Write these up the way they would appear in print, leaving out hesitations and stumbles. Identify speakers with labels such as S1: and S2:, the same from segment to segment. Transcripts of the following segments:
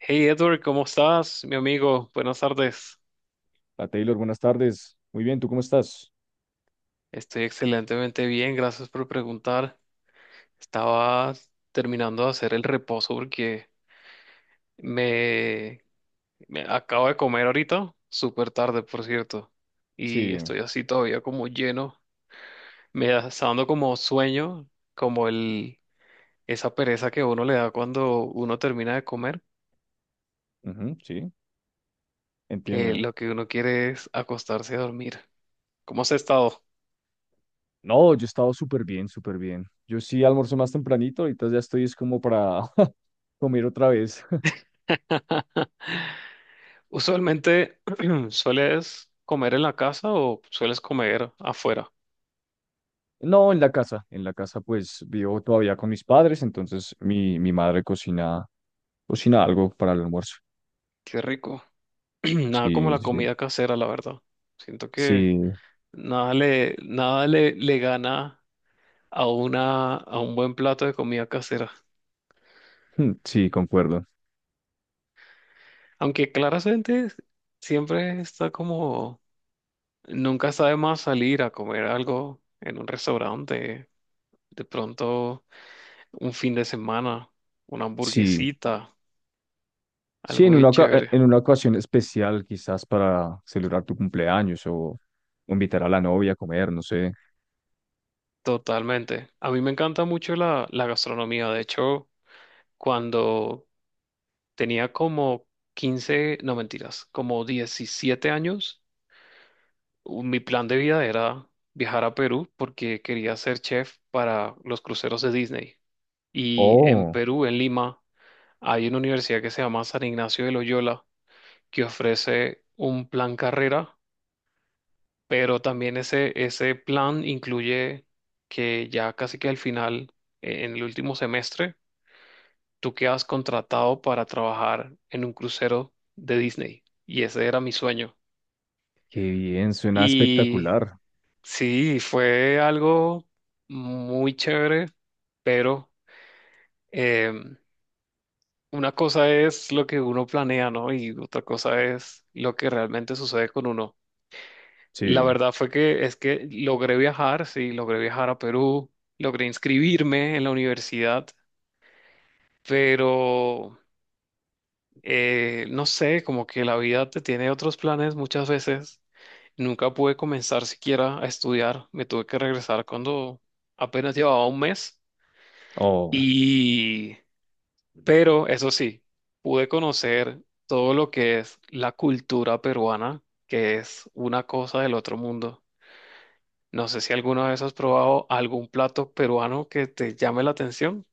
S1: Hey Edward, ¿cómo estás, mi amigo? Buenas tardes.
S2: La Taylor, buenas tardes. Muy bien, ¿tú cómo estás?
S1: Estoy excelentemente bien, gracias por preguntar. Estaba terminando de hacer el reposo porque me, me acabo de comer ahorita, súper tarde, por cierto, y
S2: Sí,
S1: estoy así todavía como lleno. Está dando como sueño, como el, esa pereza que uno le da cuando uno termina de comer,
S2: ujú, sí,
S1: que
S2: entiendo.
S1: lo que uno quiere es acostarse a dormir. ¿Cómo has estado?
S2: No, yo he estado súper bien, súper bien. Yo sí almuerzo más tempranito, ahorita ya estoy es como para comer otra vez.
S1: Usualmente, ¿sueles comer en la casa o sueles comer afuera?
S2: No, en la casa. En la casa pues vivo todavía con mis padres, entonces mi madre cocina, cocina algo para el almuerzo.
S1: Qué rico. Nada como
S2: Sí,
S1: la
S2: sí,
S1: comida casera, la verdad. Siento que
S2: sí,
S1: nada le, le gana a a un buen plato de comida casera.
S2: mm, sí, concuerdo.
S1: Aunque claramente siempre está como, nunca sabe más salir a comer algo en un restaurante. De pronto, un fin de semana, una
S2: Sí,
S1: hamburguesita,
S2: sí,
S1: algo bien chévere.
S2: en una ocasión especial quizás para celebrar tu cumpleaños o invitar a la novia a comer, no sé.
S1: Totalmente. A mí me encanta mucho la gastronomía. De hecho, cuando tenía como 15, no mentiras, como 17 años, mi plan de vida era viajar a Perú porque quería ser chef para los cruceros de Disney. Y en
S2: Oh,
S1: Perú, en Lima, hay una universidad que se llama San Ignacio de Loyola que ofrece un plan carrera, pero también ese plan incluye que ya casi que al final, en el último semestre, tú que has contratado para trabajar en un crucero de Disney. Y ese era mi sueño.
S2: qué bien, suena
S1: Y
S2: espectacular.
S1: sí, fue algo muy chévere, pero em, una cosa es lo que uno planea, ¿no? Y otra cosa es lo que realmente sucede con uno. La
S2: Sí.
S1: verdad fue que es que logré viajar, sí, logré viajar a Perú, logré inscribirme en la universidad, pero no sé, como que la vida te tiene otros planes muchas veces. Nunca pude comenzar siquiera a estudiar. Me tuve que regresar cuando apenas llevaba 1 mes.
S2: Oh.
S1: Y, pero eso sí, pude conocer todo lo que es la cultura peruana, que es una cosa del otro mundo. No sé si alguna vez has probado algún plato peruano que te llame la atención.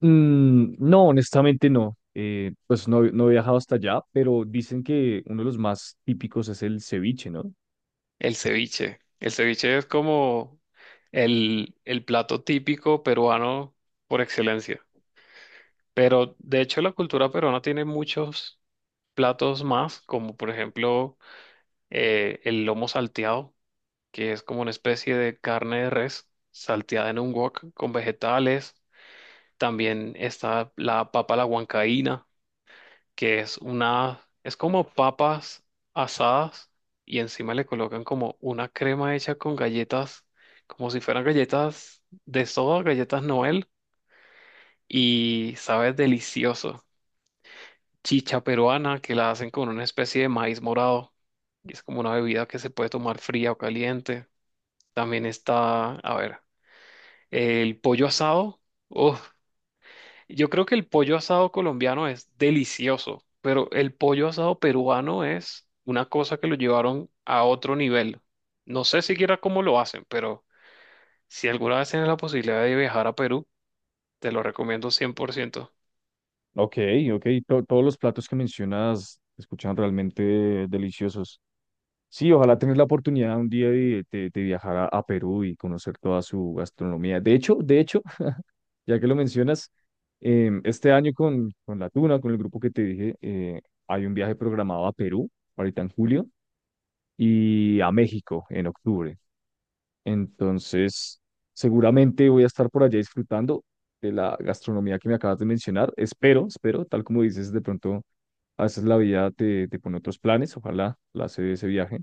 S2: Mm, no, honestamente no. Pues no, no he viajado hasta allá, pero dicen que uno de los más típicos es el ceviche, ¿no?
S1: El ceviche. El ceviche es como el plato típico peruano por excelencia. Pero de hecho la cultura peruana tiene muchos platos más, como por ejemplo el lomo salteado, que es como una especie de carne de res salteada en un wok con vegetales. También está la papa a la huancaína que es una, es como papas asadas y encima le colocan como una crema hecha con galletas, como si fueran galletas de soda, galletas Noel, y sabe delicioso. Chicha peruana que la hacen con una especie de maíz morado y es como una bebida que se puede tomar fría o caliente. También está, a ver, el pollo asado. Uf, yo creo que el pollo asado colombiano es delicioso, pero el pollo asado peruano es una cosa que lo llevaron a otro nivel. No sé siquiera cómo lo hacen, pero si alguna vez tienes la posibilidad de viajar a Perú, te lo recomiendo 100%.
S2: Ok, ok. Todos los platos que mencionas se escuchan realmente deliciosos. Sí, ojalá tener la oportunidad un día de viajar a Perú y conocer toda su gastronomía. De hecho, ya que lo mencionas, este año con La Tuna, con el grupo que te dije, hay un viaje programado a Perú, ahorita en julio, y a México en octubre. Entonces, seguramente voy a estar por allá disfrutando de la gastronomía que me acabas de mencionar. Espero, espero, tal como dices, de pronto a veces la vida te pone otros planes. Ojalá la se dé ese viaje.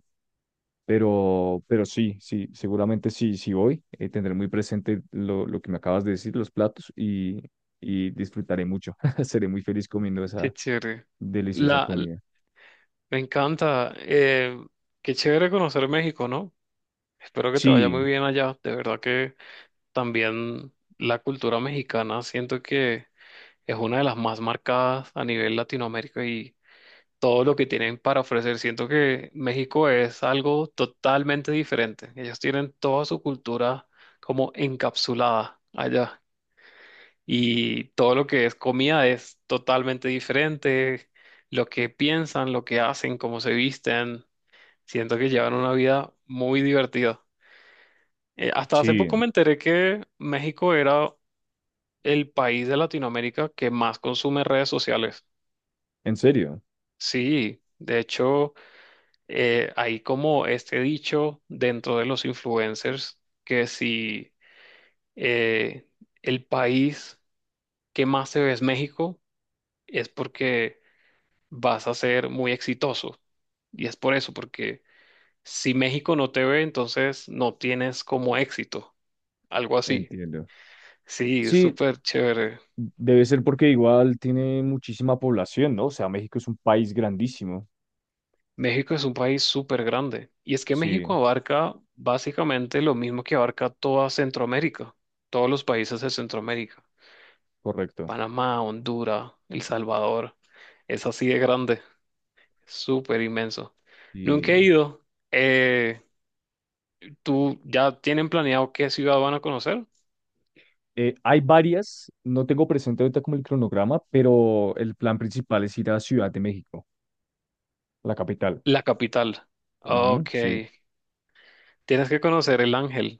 S2: Pero sí, sí, seguramente sí, sí voy. Tendré muy presente lo que me acabas de decir, los platos, y disfrutaré mucho. Seré muy feliz comiendo esa
S1: Qué chévere.
S2: deliciosa
S1: La, l-
S2: comida.
S1: Me encanta. Qué chévere conocer México, ¿no? Espero que te vaya muy
S2: Sí,
S1: bien allá. De verdad que también la cultura mexicana siento que es una de las más marcadas a nivel Latinoamérica y todo lo que tienen para ofrecer. Siento que México es algo totalmente diferente. Ellos tienen toda su cultura como encapsulada allá y todo lo que es comida es totalmente diferente. Lo que piensan, lo que hacen, cómo se visten. Siento que llevan una vida muy divertida. Hasta hace poco
S2: sí,
S1: me enteré que México era el país de Latinoamérica que más consume redes sociales.
S2: en serio,
S1: Sí, de hecho. Hay como este dicho dentro de los influencers que si eh, el país que más se ve es México, es porque vas a ser muy exitoso. Y es por eso, porque si México no te ve, entonces no tienes como éxito, algo así.
S2: entiendo.
S1: Sí, es
S2: Sí,
S1: súper chévere.
S2: debe ser porque igual tiene muchísima población, ¿no? O sea, México es un país grandísimo.
S1: México es un país súper grande. Y es que México
S2: Sí,
S1: abarca básicamente lo mismo que abarca toda Centroamérica, todos los países de Centroamérica.
S2: correcto.
S1: Panamá, Honduras, El Salvador. Es así de grande, súper inmenso. Nunca he
S2: Y
S1: ido. Eh, ¿Tú ya tienen planeado qué ciudad van a conocer?
S2: hay varias, no tengo presente ahorita como el cronograma, pero el plan principal es ir a Ciudad de México, la capital.
S1: La capital.
S2: Ujú,
S1: Ok.
S2: sí,
S1: Tienes que conocer el Ángel,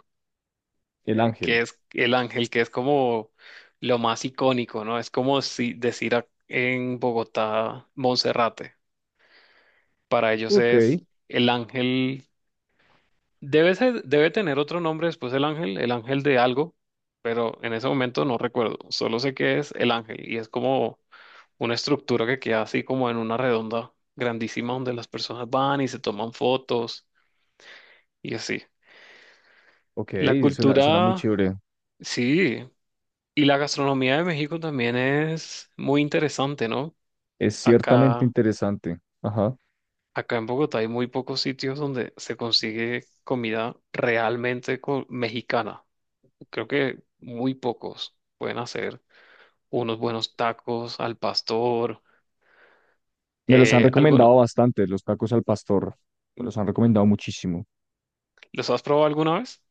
S2: el
S1: que
S2: ángel.
S1: es el Ángel, que es como lo más icónico, ¿no? Es como si decir en Bogotá, Monserrate. Para ellos
S2: Ok,
S1: es el Ángel. Debe tener otro nombre después el ángel de algo, pero en ese momento no recuerdo. Solo sé que es el ángel y es como una estructura que queda así como en una redonda grandísima donde las personas van y se toman fotos y así.
S2: ok,
S1: La
S2: suena, suena muy
S1: cultura,
S2: chévere.
S1: sí, y la gastronomía de México también es muy interesante, ¿no?
S2: Es ciertamente
S1: Acá,
S2: interesante. Ajá.
S1: acá en Bogotá hay muy pocos sitios donde se consigue comida realmente mexicana. Creo que muy pocos pueden hacer unos buenos tacos al pastor.
S2: Me los han
S1: Algunos,
S2: recomendado bastante, los tacos al pastor. Me los han recomendado muchísimo.
S1: ¿los has probado alguna vez?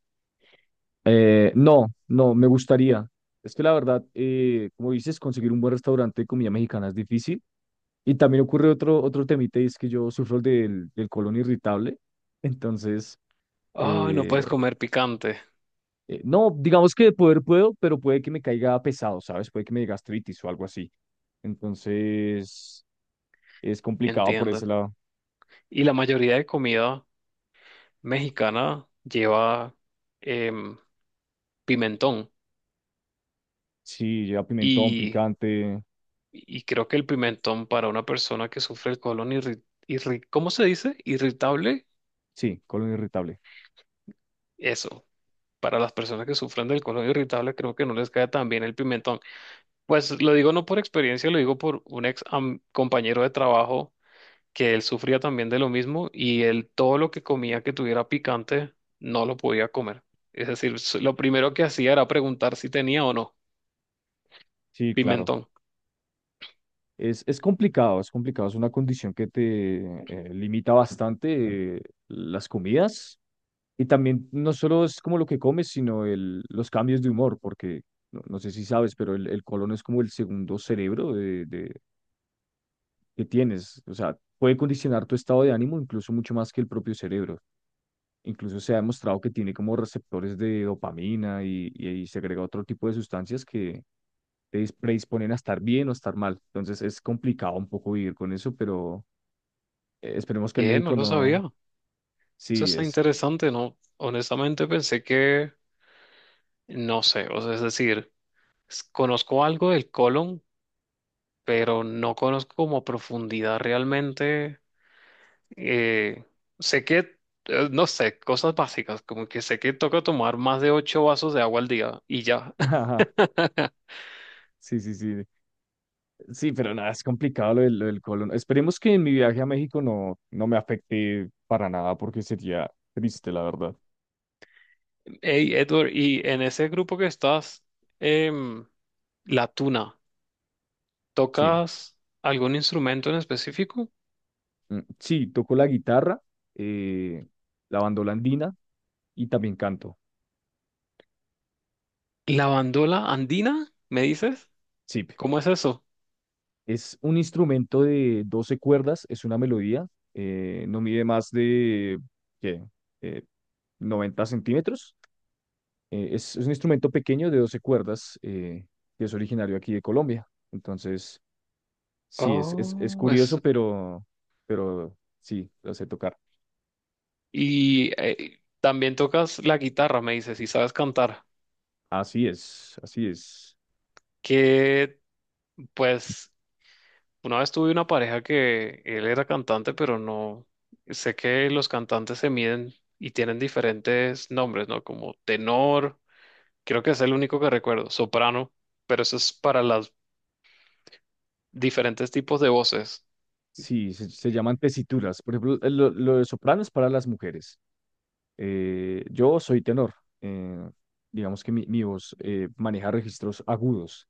S2: No, no, me gustaría. Es que la verdad, como dices, conseguir un buen restaurante de comida mexicana es difícil. Y también ocurre otro, otro temita, y es que yo sufro del colon irritable. Entonces,
S1: Ay, no puedes
S2: eh,
S1: comer picante,
S2: No, digamos que de poder puedo, pero puede que me caiga pesado, ¿sabes? Puede que me dé gastritis o algo así. Entonces, es complicado por
S1: entiendo.
S2: ese lado.
S1: Y la mayoría de comida mexicana lleva em, pimentón.
S2: Sí, lleva pimentón,
S1: Y,
S2: picante.
S1: y creo que el pimentón para una persona que sufre el colon ¿cómo se dice? Irritable,
S2: Sí, colon irritable.
S1: eso. Para las personas que sufren del colon irritable, creo que no les cae tan bien el pimentón. Pues lo digo no por experiencia, lo digo por un ex compañero de trabajo que él sufría también de lo mismo y él todo lo que comía que tuviera picante no lo podía comer. Es decir, lo primero que hacía era preguntar si tenía o no
S2: Sí, claro.
S1: pimentón.
S2: Es complicado, es complicado. Es una condición que te limita bastante las comidas. Y también no solo es como lo que comes, sino los cambios de humor, porque no, no sé si sabes, pero el colon es como el segundo cerebro que tienes. O sea, puede condicionar tu estado de ánimo incluso mucho más que el propio cerebro. Incluso se ha demostrado que tiene como receptores de dopamina y segrega otro tipo de sustancias que te predisponen a estar bien o estar mal. Entonces es complicado un poco vivir con eso, pero esperemos que en
S1: ¿Qué? No
S2: México
S1: lo sabía.
S2: no.
S1: Eso
S2: Sí,
S1: está
S2: es.
S1: interesante, ¿no? Honestamente pensé que no sé, o sea, es decir, conozco algo del colon, pero no conozco como a profundidad realmente. Eh, Sé que, no sé, cosas básicas, como que sé que toca tomar más de 8 vasos de agua al día y ya.
S2: Ajá, sí, sí, sí. Sí, pero nada, es complicado lo del colon. Esperemos que en mi viaje a México no, no me afecte para nada porque sería triste, la verdad.
S1: Hey, Edward, y en ese grupo que estás, em, la tuna,
S2: Sí.
S1: ¿tocas algún instrumento en específico?
S2: Mm, sí, toco la guitarra, eh, la bandola andina y también canto.
S1: ¿La bandola andina? ¿Me dices?
S2: Sí,
S1: ¿Cómo es eso?
S2: es un instrumento de 12 cuerdas, es una melodía, no mide más de ¿qué? Eh, 90 centímetros. Es un instrumento pequeño de 12 cuerdas que es originario aquí de Colombia. Entonces, sí, es
S1: Oh, es...
S2: curioso, pero sí, lo sé tocar.
S1: Y también tocas la guitarra, me dices, y sabes cantar.
S2: Así es, así es.
S1: Que, pues, una vez tuve una pareja que él era cantante, pero no, sé que los cantantes se miden y tienen diferentes nombres, ¿no? Como tenor, creo que es el único que recuerdo, soprano, pero eso es para los diferentes tipos de voces.
S2: Sí, se llaman tesituras. Por ejemplo, lo de soprano es para las mujeres. Yo soy tenor. eh, digamos que mi voz maneja registros agudos.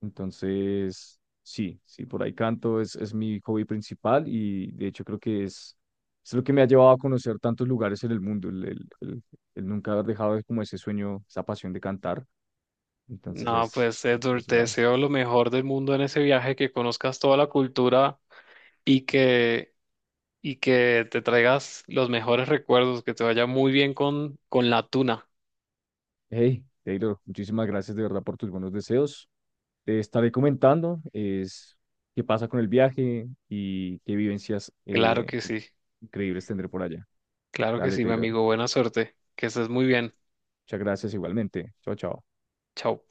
S2: Entonces, sí, sí, por ahí canto, es mi hobby principal y de hecho creo que es lo que me ha llevado a conocer tantos lugares en el mundo, el nunca como ese sueño, esa pasión de cantar. Entonces
S1: No,
S2: es,
S1: pues
S2: sí, por
S1: Edward,
S2: ese
S1: te
S2: lado.
S1: deseo lo mejor del mundo en ese viaje, que conozcas toda la cultura y que, y que te traigas los mejores recuerdos, que te vaya muy bien con la tuna.
S2: Hey, Taylor, muchísimas gracias de verdad por tus buenos deseos. Te estaré comentando es qué pasa con el viaje y qué vivencias
S1: Claro que sí,
S2: increíbles tendré por allá.
S1: claro que
S2: Dale,
S1: sí, mi
S2: Taylor.
S1: amigo, buena suerte, que estés muy bien.
S2: Muchas gracias igualmente. Chao, chao.
S1: Chao.